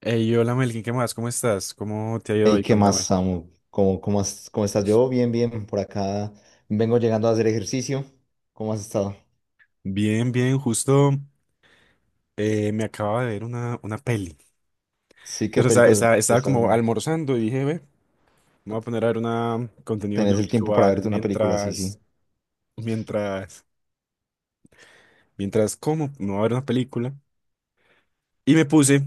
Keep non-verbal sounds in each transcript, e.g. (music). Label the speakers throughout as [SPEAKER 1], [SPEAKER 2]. [SPEAKER 1] Hey, hola Melkin, ¿qué más? ¿Cómo estás? ¿Cómo te ha ido
[SPEAKER 2] Hey,
[SPEAKER 1] hoy?
[SPEAKER 2] ¿qué más,
[SPEAKER 1] Contame.
[SPEAKER 2] Samu? Cómo estás? Yo bien, bien, por acá vengo llegando a hacer ejercicio. ¿Cómo has estado?
[SPEAKER 1] Bien, bien, justo me acababa de ver una peli.
[SPEAKER 2] Sí, ¿qué película te
[SPEAKER 1] Estaba
[SPEAKER 2] estás
[SPEAKER 1] como
[SPEAKER 2] viendo?
[SPEAKER 1] almorzando y dije, ve, me voy a poner a ver una contenido
[SPEAKER 2] ¿Tenés el tiempo para
[SPEAKER 1] audiovisual
[SPEAKER 2] verte una película? Sí, sí.
[SPEAKER 1] mientras, mientras como, me voy a ver una película. Y me puse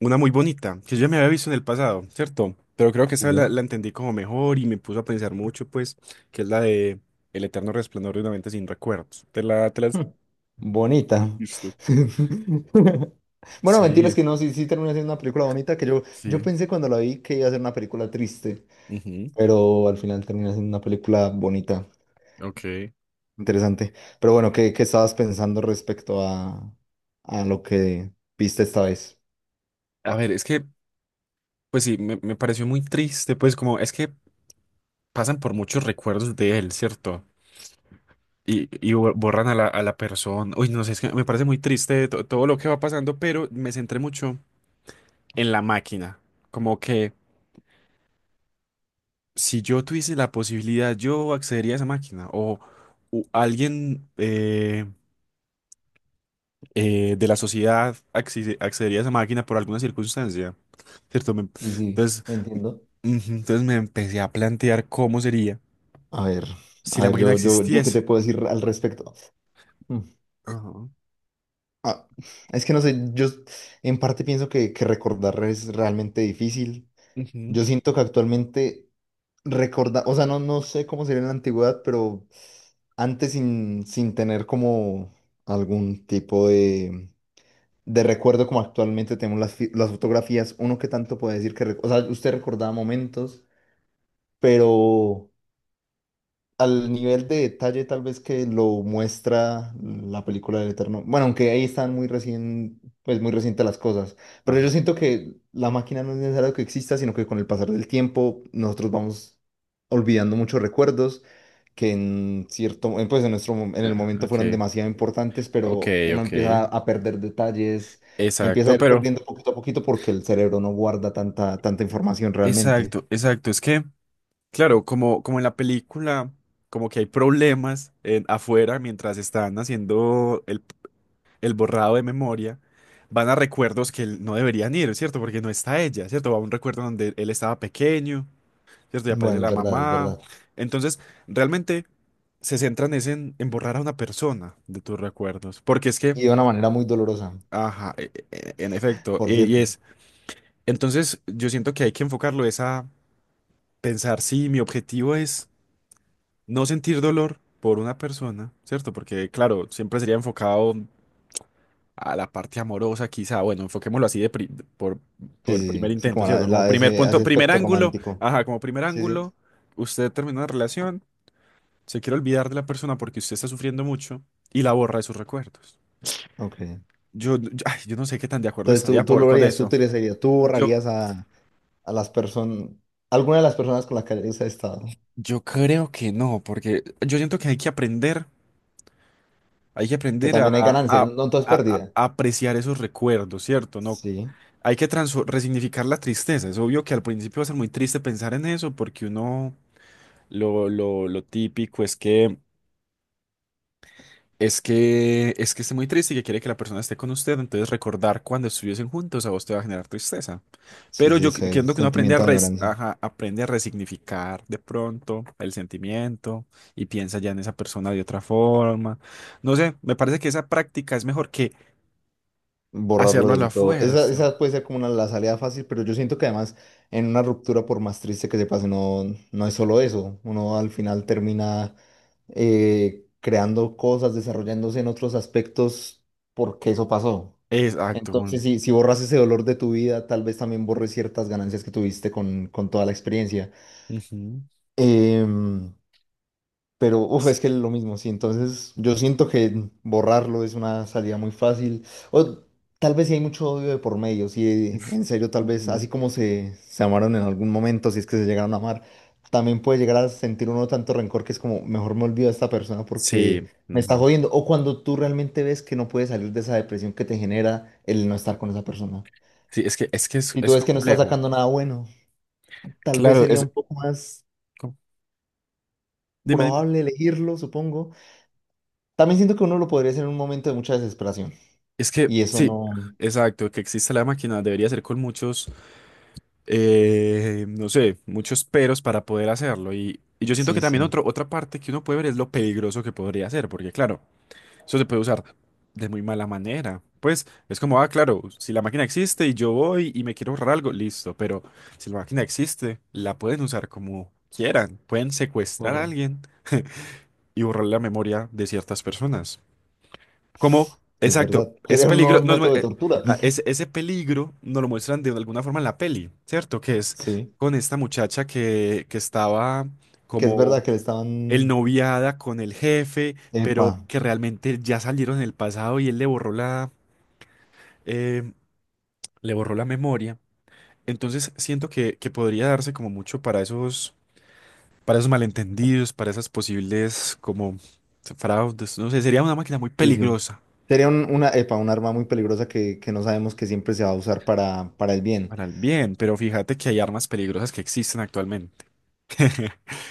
[SPEAKER 1] una muy bonita, que yo ya me había visto en el pasado, ¿cierto? Pero creo que esa
[SPEAKER 2] Sí.
[SPEAKER 1] la entendí como mejor y me puso a pensar mucho, pues, que es la de El eterno resplandor de una mente sin recuerdos. Te la has
[SPEAKER 2] Hmm, Bonita.
[SPEAKER 1] visto?
[SPEAKER 2] (laughs) Bueno,
[SPEAKER 1] Sí.
[SPEAKER 2] mentiras que no, sí, sí terminó siendo una película bonita, que yo
[SPEAKER 1] Sí.
[SPEAKER 2] pensé cuando la vi que iba a ser una película triste,
[SPEAKER 1] Ujú.
[SPEAKER 2] pero al final termina siendo una película bonita,
[SPEAKER 1] Ok.
[SPEAKER 2] interesante. Pero bueno, ¿qué estabas pensando respecto a lo que viste esta vez?
[SPEAKER 1] A ver, es que, pues sí, me pareció muy triste, pues como es que pasan por muchos recuerdos de él, ¿cierto? Y borran a a la persona. Uy, no sé, es que me parece muy triste todo lo que va pasando, pero me centré mucho en la máquina. Como que si yo tuviese la posibilidad, yo accedería a esa máquina. O, alguien, de la sociedad accedería a esa máquina por alguna circunstancia, ¿cierto? Me-
[SPEAKER 2] Sí, sí,
[SPEAKER 1] Entonces,
[SPEAKER 2] entiendo.
[SPEAKER 1] ujú, entonces me empecé a plantear cómo sería
[SPEAKER 2] A ver,
[SPEAKER 1] si
[SPEAKER 2] a
[SPEAKER 1] la
[SPEAKER 2] ver,
[SPEAKER 1] máquina
[SPEAKER 2] yo qué te
[SPEAKER 1] existiese.
[SPEAKER 2] puedo decir al respecto. Mm,
[SPEAKER 1] Ajá.
[SPEAKER 2] ah, es que no sé, yo en parte pienso que recordar es realmente difícil.
[SPEAKER 1] Ujú.
[SPEAKER 2] Yo siento que actualmente recordar, o sea, no, no sé cómo sería en la antigüedad, pero antes sin tener como algún tipo de recuerdo como actualmente tenemos las, las fotografías, uno que tanto puede decir que, o sea, usted recordaba momentos, pero al nivel de detalle tal vez que lo muestra la película del Eterno. Bueno, aunque ahí están muy recién, pues muy recientes las cosas. Pero
[SPEAKER 1] Ajá.
[SPEAKER 2] yo siento que la máquina no es necesario que exista, sino que con el pasar del tiempo nosotros vamos olvidando muchos recuerdos que en cierto, en, pues en nuestro, en
[SPEAKER 1] Ya,
[SPEAKER 2] el momento fueron demasiado importantes,
[SPEAKER 1] ok,
[SPEAKER 2] pero uno
[SPEAKER 1] ok.
[SPEAKER 2] empieza a perder detalles, empieza a
[SPEAKER 1] Exacto,
[SPEAKER 2] ir
[SPEAKER 1] pero...
[SPEAKER 2] perdiendo poquito a poquito porque el cerebro no guarda tanta información realmente.
[SPEAKER 1] Exacto, exacto. Es que, claro, como en la película, como que hay problemas en, afuera mientras están haciendo el borrado de memoria, van a recuerdos que él- no deberían ir, ¿cierto? Porque no está ella, ¿cierto? Va a un recuerdo donde él estaba pequeño, ¿cierto? Y aparece
[SPEAKER 2] Bueno, es
[SPEAKER 1] la
[SPEAKER 2] verdad, es
[SPEAKER 1] mamá.
[SPEAKER 2] verdad.
[SPEAKER 1] Entonces, realmente se centran es en borrar a una persona de tus recuerdos. Porque es que,
[SPEAKER 2] Y de una manera muy dolorosa,
[SPEAKER 1] ajá, e, en efecto,
[SPEAKER 2] por
[SPEAKER 1] y
[SPEAKER 2] cierto.
[SPEAKER 1] es. Entonces, yo siento que hay que enfocarlo es a pensar, sí, mi objetivo es no sentir dolor por una persona, ¿cierto? Porque, claro, siempre sería enfocado a la parte amorosa, quizá, bueno, enfoquémoslo así por,
[SPEAKER 2] Sí,
[SPEAKER 1] por
[SPEAKER 2] sí,
[SPEAKER 1] primer
[SPEAKER 2] sí, sí,
[SPEAKER 1] intento,
[SPEAKER 2] como
[SPEAKER 1] ¿cierto? Como primer
[SPEAKER 2] ese,
[SPEAKER 1] punto,
[SPEAKER 2] ese
[SPEAKER 1] primer
[SPEAKER 2] aspecto
[SPEAKER 1] ángulo,
[SPEAKER 2] romántico.
[SPEAKER 1] ajá, como primer
[SPEAKER 2] Sí, sí,
[SPEAKER 1] ángulo, usted termina una relación, se quiere olvidar de la persona porque usted está sufriendo mucho y la borra de sus recuerdos.
[SPEAKER 2] ok.
[SPEAKER 1] Ay, yo no sé qué tan de acuerdo
[SPEAKER 2] Entonces
[SPEAKER 1] estaría
[SPEAKER 2] tú
[SPEAKER 1] por,
[SPEAKER 2] lo
[SPEAKER 1] con
[SPEAKER 2] harías, tú
[SPEAKER 1] eso.
[SPEAKER 2] utilizarías, tú
[SPEAKER 1] Yo,
[SPEAKER 2] borrarías a las personas, alguna de las personas con las que hayas estado,
[SPEAKER 1] yo creo que no, porque yo siento que hay que
[SPEAKER 2] que
[SPEAKER 1] aprender a,
[SPEAKER 2] también hay ganancia, no, no todo es pérdida.
[SPEAKER 1] a apreciar esos recuerdos, ¿cierto? No
[SPEAKER 2] Sí,
[SPEAKER 1] hay que resignificar la tristeza. Es obvio que al principio va a ser muy triste pensar en eso, porque uno lo típico es que esté muy triste y que quiere que la persona esté con usted. Entonces recordar cuando estuviesen juntos a vos te va a generar tristeza.
[SPEAKER 2] sí,
[SPEAKER 1] Pero
[SPEAKER 2] sí,
[SPEAKER 1] yo
[SPEAKER 2] ese
[SPEAKER 1] quiero
[SPEAKER 2] es
[SPEAKER 1] que uno aprende a
[SPEAKER 2] sentimiento de añoranza.
[SPEAKER 1] ajá, aprende a resignificar de pronto el sentimiento y piensa ya en esa persona de otra forma. No sé, me parece que esa práctica es mejor que
[SPEAKER 2] Borrarlo
[SPEAKER 1] hacerlo a la
[SPEAKER 2] del todo. Esa,
[SPEAKER 1] fuerza.
[SPEAKER 2] esa puede ser como una, la salida fácil, pero yo siento que además en una ruptura, por más triste que se pase, no, no es solo eso. Uno al final termina creando cosas, desarrollándose en otros aspectos porque eso pasó.
[SPEAKER 1] Exacto.
[SPEAKER 2] Entonces,
[SPEAKER 1] Bueno.
[SPEAKER 2] si borras ese dolor de tu vida, tal vez también borres ciertas ganancias que tuviste con toda la experiencia.
[SPEAKER 1] Ujú.
[SPEAKER 2] Em, pero uf, es que es lo mismo, sí. Entonces, yo siento que borrarlo es una salida muy fácil. O tal vez si hay mucho odio de por medio, si
[SPEAKER 1] Uf.
[SPEAKER 2] en serio, tal vez,
[SPEAKER 1] Ujú.
[SPEAKER 2] así como se amaron en algún momento, si es que se llegaron a amar, también puede llegar a sentir uno tanto rencor que es como, mejor me olvido de esta persona
[SPEAKER 1] Sí,
[SPEAKER 2] porque me está
[SPEAKER 1] ujú.
[SPEAKER 2] jodiendo. O cuando tú realmente ves que no puedes salir de esa depresión que te genera el no estar con esa persona.
[SPEAKER 1] Sí, es que, es que
[SPEAKER 2] Si tú
[SPEAKER 1] es
[SPEAKER 2] ves que no estás
[SPEAKER 1] complejo.
[SPEAKER 2] sacando nada bueno, tal vez
[SPEAKER 1] Claro,
[SPEAKER 2] sería un
[SPEAKER 1] es...
[SPEAKER 2] poco más
[SPEAKER 1] co- Dime, dime.
[SPEAKER 2] probable elegirlo, supongo. También siento que uno lo podría hacer en un momento de mucha desesperación.
[SPEAKER 1] Es que,
[SPEAKER 2] Y eso
[SPEAKER 1] sí,
[SPEAKER 2] no.
[SPEAKER 1] exacto, que existe la máquina debería ser con muchos, no sé, muchos peros para poder hacerlo. Y yo siento
[SPEAKER 2] Sí,
[SPEAKER 1] que también
[SPEAKER 2] sí.
[SPEAKER 1] otro, otra parte que uno puede ver es lo peligroso que podría ser, porque claro, eso se puede usar de muy mala manera. Pues es como, ah, claro, si la máquina existe y yo voy y me quiero ahorrar algo, listo, pero si la máquina existe, la pueden usar como quieran, pueden secuestrar a
[SPEAKER 2] por-
[SPEAKER 1] alguien y borrar la memoria de ciertas personas. Como,
[SPEAKER 2] Es
[SPEAKER 1] exacto,
[SPEAKER 2] verdad.
[SPEAKER 1] es
[SPEAKER 2] Sería un nuevo
[SPEAKER 1] peligro,
[SPEAKER 2] método de tortura.
[SPEAKER 1] ah,
[SPEAKER 2] (laughs)
[SPEAKER 1] ese peligro nos lo muestran de alguna forma en la peli, ¿cierto? Que es
[SPEAKER 2] Sí.
[SPEAKER 1] con esta muchacha que estaba
[SPEAKER 2] Que es
[SPEAKER 1] como
[SPEAKER 2] verdad que le
[SPEAKER 1] el
[SPEAKER 2] estaban.
[SPEAKER 1] noviada con el jefe,
[SPEAKER 2] Epa.
[SPEAKER 1] pero que realmente ya salieron en el pasado y él eh, le borró la memoria. Entonces siento que podría darse como mucho para esos malentendidos, para esas posibles como fraudes, no sé, sería una máquina muy
[SPEAKER 2] Sí, sí.
[SPEAKER 1] peligrosa.
[SPEAKER 2] Sería una, epa, un arma muy peligrosa que no sabemos que siempre se va a usar para el bien.
[SPEAKER 1] Para el bien, pero fíjate que hay armas peligrosas que existen actualmente (laughs)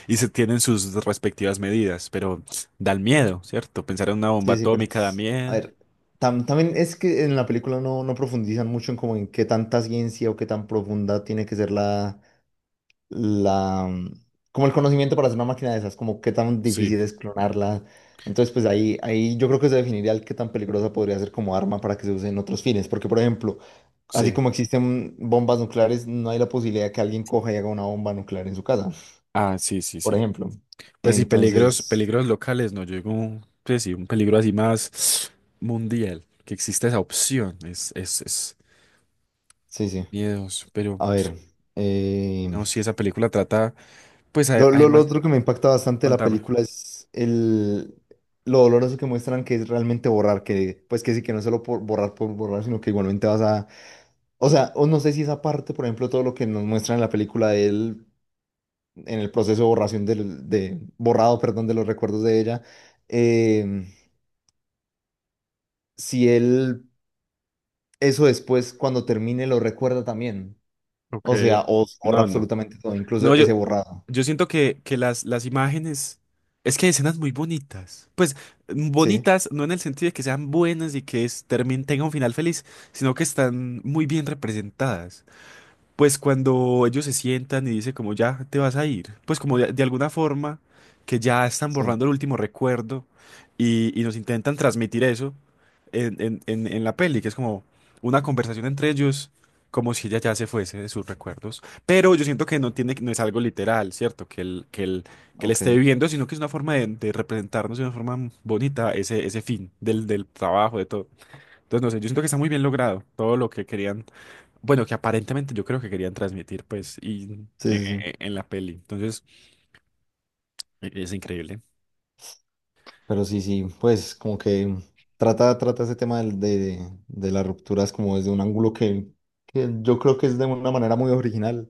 [SPEAKER 1] y se tienen sus respectivas medidas, pero da el miedo, ¿cierto? Pensar en una bomba
[SPEAKER 2] Sí, sí, pero.
[SPEAKER 1] atómica da
[SPEAKER 2] A
[SPEAKER 1] miedo.
[SPEAKER 2] ver, también es que en la película no, no profundizan mucho en como en qué tanta ciencia o qué tan profunda tiene que ser la, la, como el conocimiento para hacer una máquina de esas, como qué tan
[SPEAKER 1] Sí,
[SPEAKER 2] difícil es clonarla. Entonces, pues ahí, ahí yo creo que se definiría el qué tan peligrosa podría ser como arma para que se use en otros fines. Porque, por ejemplo, así
[SPEAKER 1] sí.
[SPEAKER 2] como existen bombas nucleares, no hay la posibilidad que alguien coja y haga una bomba nuclear en su casa,
[SPEAKER 1] Ah, sí, sí,
[SPEAKER 2] por
[SPEAKER 1] sí.
[SPEAKER 2] ejemplo.
[SPEAKER 1] Pues sí, peligros,
[SPEAKER 2] Entonces,
[SPEAKER 1] peligros locales, no llegó, pues sí, un peligro así más mundial, que existe esa opción, es
[SPEAKER 2] sí, sí.
[SPEAKER 1] miedos, pero
[SPEAKER 2] A ver, eh,
[SPEAKER 1] no, si esa película trata, pues
[SPEAKER 2] lo, lo
[SPEAKER 1] además,
[SPEAKER 2] otro que me impacta bastante de la
[SPEAKER 1] contame.
[SPEAKER 2] película es el, lo doloroso que muestran que es realmente borrar, que pues que sí, que no es solo por borrar, sino que igualmente vas a O sea, o no sé si esa parte, por ejemplo, todo lo que nos muestran en la película de él, en el proceso de borración del, de borrado, perdón, de los recuerdos de ella, eh, si él eso después, cuando termine, lo recuerda también.
[SPEAKER 1] Ok.
[SPEAKER 2] O sea, o borra
[SPEAKER 1] No, no.
[SPEAKER 2] absolutamente todo,
[SPEAKER 1] No,
[SPEAKER 2] incluso
[SPEAKER 1] yo,
[SPEAKER 2] ese borrado.
[SPEAKER 1] yo siento que las imágenes, es que hay escenas muy bonitas. Pues mm,
[SPEAKER 2] Sí,
[SPEAKER 1] bonitas, no en el sentido de que sean buenas y que es, tenga un final feliz, sino que están muy bien representadas. Pues cuando ellos se sientan y dicen como ya te vas a ir, pues como de alguna forma que ya están
[SPEAKER 2] sí,
[SPEAKER 1] borrando el último recuerdo y nos intentan transmitir eso en la peli, que es como una conversación entre ellos, como si ella ya se fuese de sus recuerdos. Pero yo siento que no tiene, no es algo literal, ¿cierto? Que que él esté
[SPEAKER 2] ok.
[SPEAKER 1] viviendo, sino que es una forma de representarnos de una forma bonita ese, ese fin del, del trabajo, de todo. Entonces, no sé, yo siento que está muy bien logrado todo lo que querían bueno, que aparentemente yo creo que querían transmitir, pues, y,
[SPEAKER 2] Sí, sí, sí.
[SPEAKER 1] en la peli. Entonces, es increíble.
[SPEAKER 2] Pero sí, sí, pues como que trata ese tema de las rupturas como desde un ángulo que yo creo que es de una manera muy original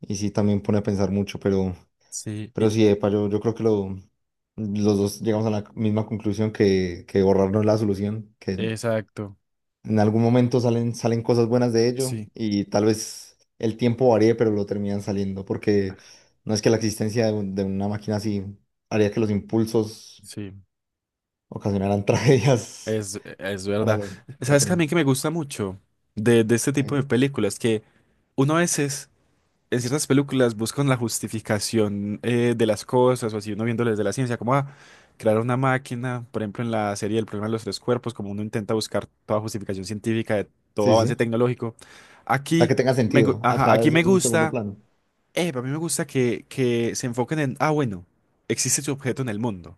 [SPEAKER 2] y sí también pone a pensar mucho,
[SPEAKER 1] Sí,
[SPEAKER 2] pero
[SPEAKER 1] y-
[SPEAKER 2] sí, epa, yo creo que lo, los dos llegamos a la misma conclusión que borrar no es la solución, que
[SPEAKER 1] exacto.
[SPEAKER 2] en algún momento salen cosas buenas de ello
[SPEAKER 1] Sí,
[SPEAKER 2] y tal vez el tiempo varíe, pero lo terminan saliendo, porque no es que la existencia de, de una máquina así haría que los impulsos
[SPEAKER 1] sí,
[SPEAKER 2] ocasionaran (laughs) tragedias
[SPEAKER 1] es, e, es
[SPEAKER 2] para
[SPEAKER 1] verdad.
[SPEAKER 2] los
[SPEAKER 1] ¿Sabes
[SPEAKER 2] cuatro.
[SPEAKER 1] también que me gusta mucho de este tipo
[SPEAKER 2] Eh,
[SPEAKER 1] de películas? Que uno a veces en ciertas películas buscan la justificación de las cosas, o así uno viéndolo desde la ciencia, como ah, crear una máquina, por ejemplo, en la serie El problema de los tres cuerpos, como uno intenta buscar toda justificación científica de todo
[SPEAKER 2] Sí,
[SPEAKER 1] avance
[SPEAKER 2] sí.
[SPEAKER 1] tecnológico.
[SPEAKER 2] O sea,
[SPEAKER 1] Aquí
[SPEAKER 2] que tenga
[SPEAKER 1] me,
[SPEAKER 2] sentido.
[SPEAKER 1] ajá,
[SPEAKER 2] Acá
[SPEAKER 1] aquí
[SPEAKER 2] eso
[SPEAKER 1] me
[SPEAKER 2] es un segundo
[SPEAKER 1] gusta,
[SPEAKER 2] plano.
[SPEAKER 1] a mí me gusta que se enfoquen en, ah, bueno, existe su objeto en el mundo.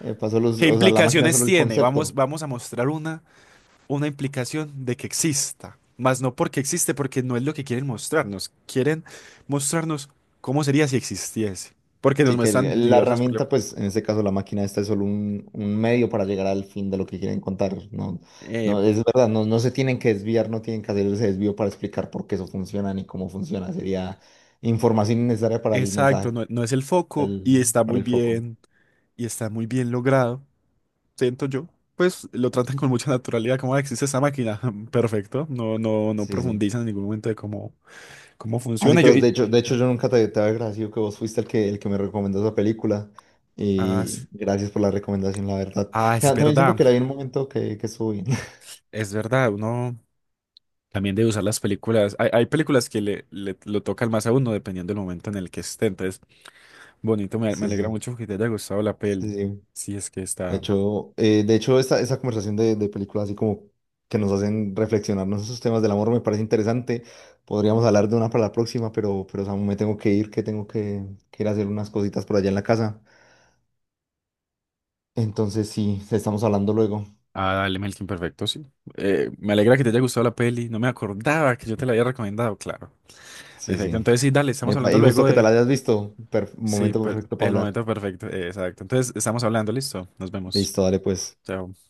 [SPEAKER 2] Pasó los,
[SPEAKER 1] ¿Qué
[SPEAKER 2] o sea, la máquina es
[SPEAKER 1] implicaciones
[SPEAKER 2] solo el
[SPEAKER 1] tiene?
[SPEAKER 2] concepto.
[SPEAKER 1] Vamos a mostrar una implicación de que exista, más no porque existe, porque no es lo que quieren mostrarnos. Quieren mostrarnos cómo sería si existiese, porque nos
[SPEAKER 2] Sí, que
[SPEAKER 1] muestran
[SPEAKER 2] la
[SPEAKER 1] diversas
[SPEAKER 2] herramienta,
[SPEAKER 1] problemas.
[SPEAKER 2] pues en este caso la máquina esta es solo un medio para llegar al fin de lo que quieren contar. No,
[SPEAKER 1] Eh,
[SPEAKER 2] no, es verdad, no, no se tienen que desviar, no tienen que hacer ese desvío para explicar por qué eso funciona ni cómo funciona. Sería información innecesaria para el mensaje,
[SPEAKER 1] exacto, no, no es el
[SPEAKER 2] para
[SPEAKER 1] foco
[SPEAKER 2] el,
[SPEAKER 1] y está
[SPEAKER 2] para
[SPEAKER 1] muy
[SPEAKER 2] el foco.
[SPEAKER 1] bien, y está muy bien logrado, siento yo. Pues lo tratan con mucha naturalidad, como "Ah, existe esa máquina, (laughs) perfecto. No, no, no
[SPEAKER 2] Sí, sí.
[SPEAKER 1] profundizan en ningún momento de cómo, cómo
[SPEAKER 2] Ah, sí,
[SPEAKER 1] funciona. Yo,
[SPEAKER 2] pero
[SPEAKER 1] y-
[SPEAKER 2] de hecho yo nunca te había agradecido que vos fuiste el que me recomendó esa película.
[SPEAKER 1] ah, es
[SPEAKER 2] Y gracias por la recomendación, la verdad.
[SPEAKER 1] ah,
[SPEAKER 2] O sea, también siento que la vi en un momento que estuvo bien. (laughs)
[SPEAKER 1] es verdad, uno. También de usar las películas. Hay películas que le, lo tocan más a uno dependiendo del momento en el que esté. Entonces, bonito, me
[SPEAKER 2] Sí,
[SPEAKER 1] alegra
[SPEAKER 2] sí,
[SPEAKER 1] mucho que te haya gustado la
[SPEAKER 2] sí,
[SPEAKER 1] peli.
[SPEAKER 2] sí.
[SPEAKER 1] Si es que está.
[SPEAKER 2] De hecho esa conversación de películas así como que nos hacen reflexionarnos esos temas del amor me parece interesante. Podríamos hablar de una para la próxima, pero Samu, me tengo que ir, que tengo que ir a hacer unas cositas por allá en la casa. Entonces, sí, estamos hablando luego.
[SPEAKER 1] Ah, dale, Melkin, perfecto, sí. Me alegra que te haya gustado la peli. No me acordaba que yo te la había recomendado, claro. En
[SPEAKER 2] Sí,
[SPEAKER 1] efecto,
[SPEAKER 2] sí.
[SPEAKER 1] entonces sí, dale, estamos
[SPEAKER 2] Epa,
[SPEAKER 1] hablando
[SPEAKER 2] y justo
[SPEAKER 1] luego
[SPEAKER 2] que te
[SPEAKER 1] de.
[SPEAKER 2] la hayas visto.
[SPEAKER 1] Sí,
[SPEAKER 2] Momento
[SPEAKER 1] pero
[SPEAKER 2] perfecto para
[SPEAKER 1] el
[SPEAKER 2] hablar.
[SPEAKER 1] momento perfecto, exacto. Entonces, estamos hablando, listo. Nos vemos.
[SPEAKER 2] Listo, dale pues. Chao.
[SPEAKER 1] Chao.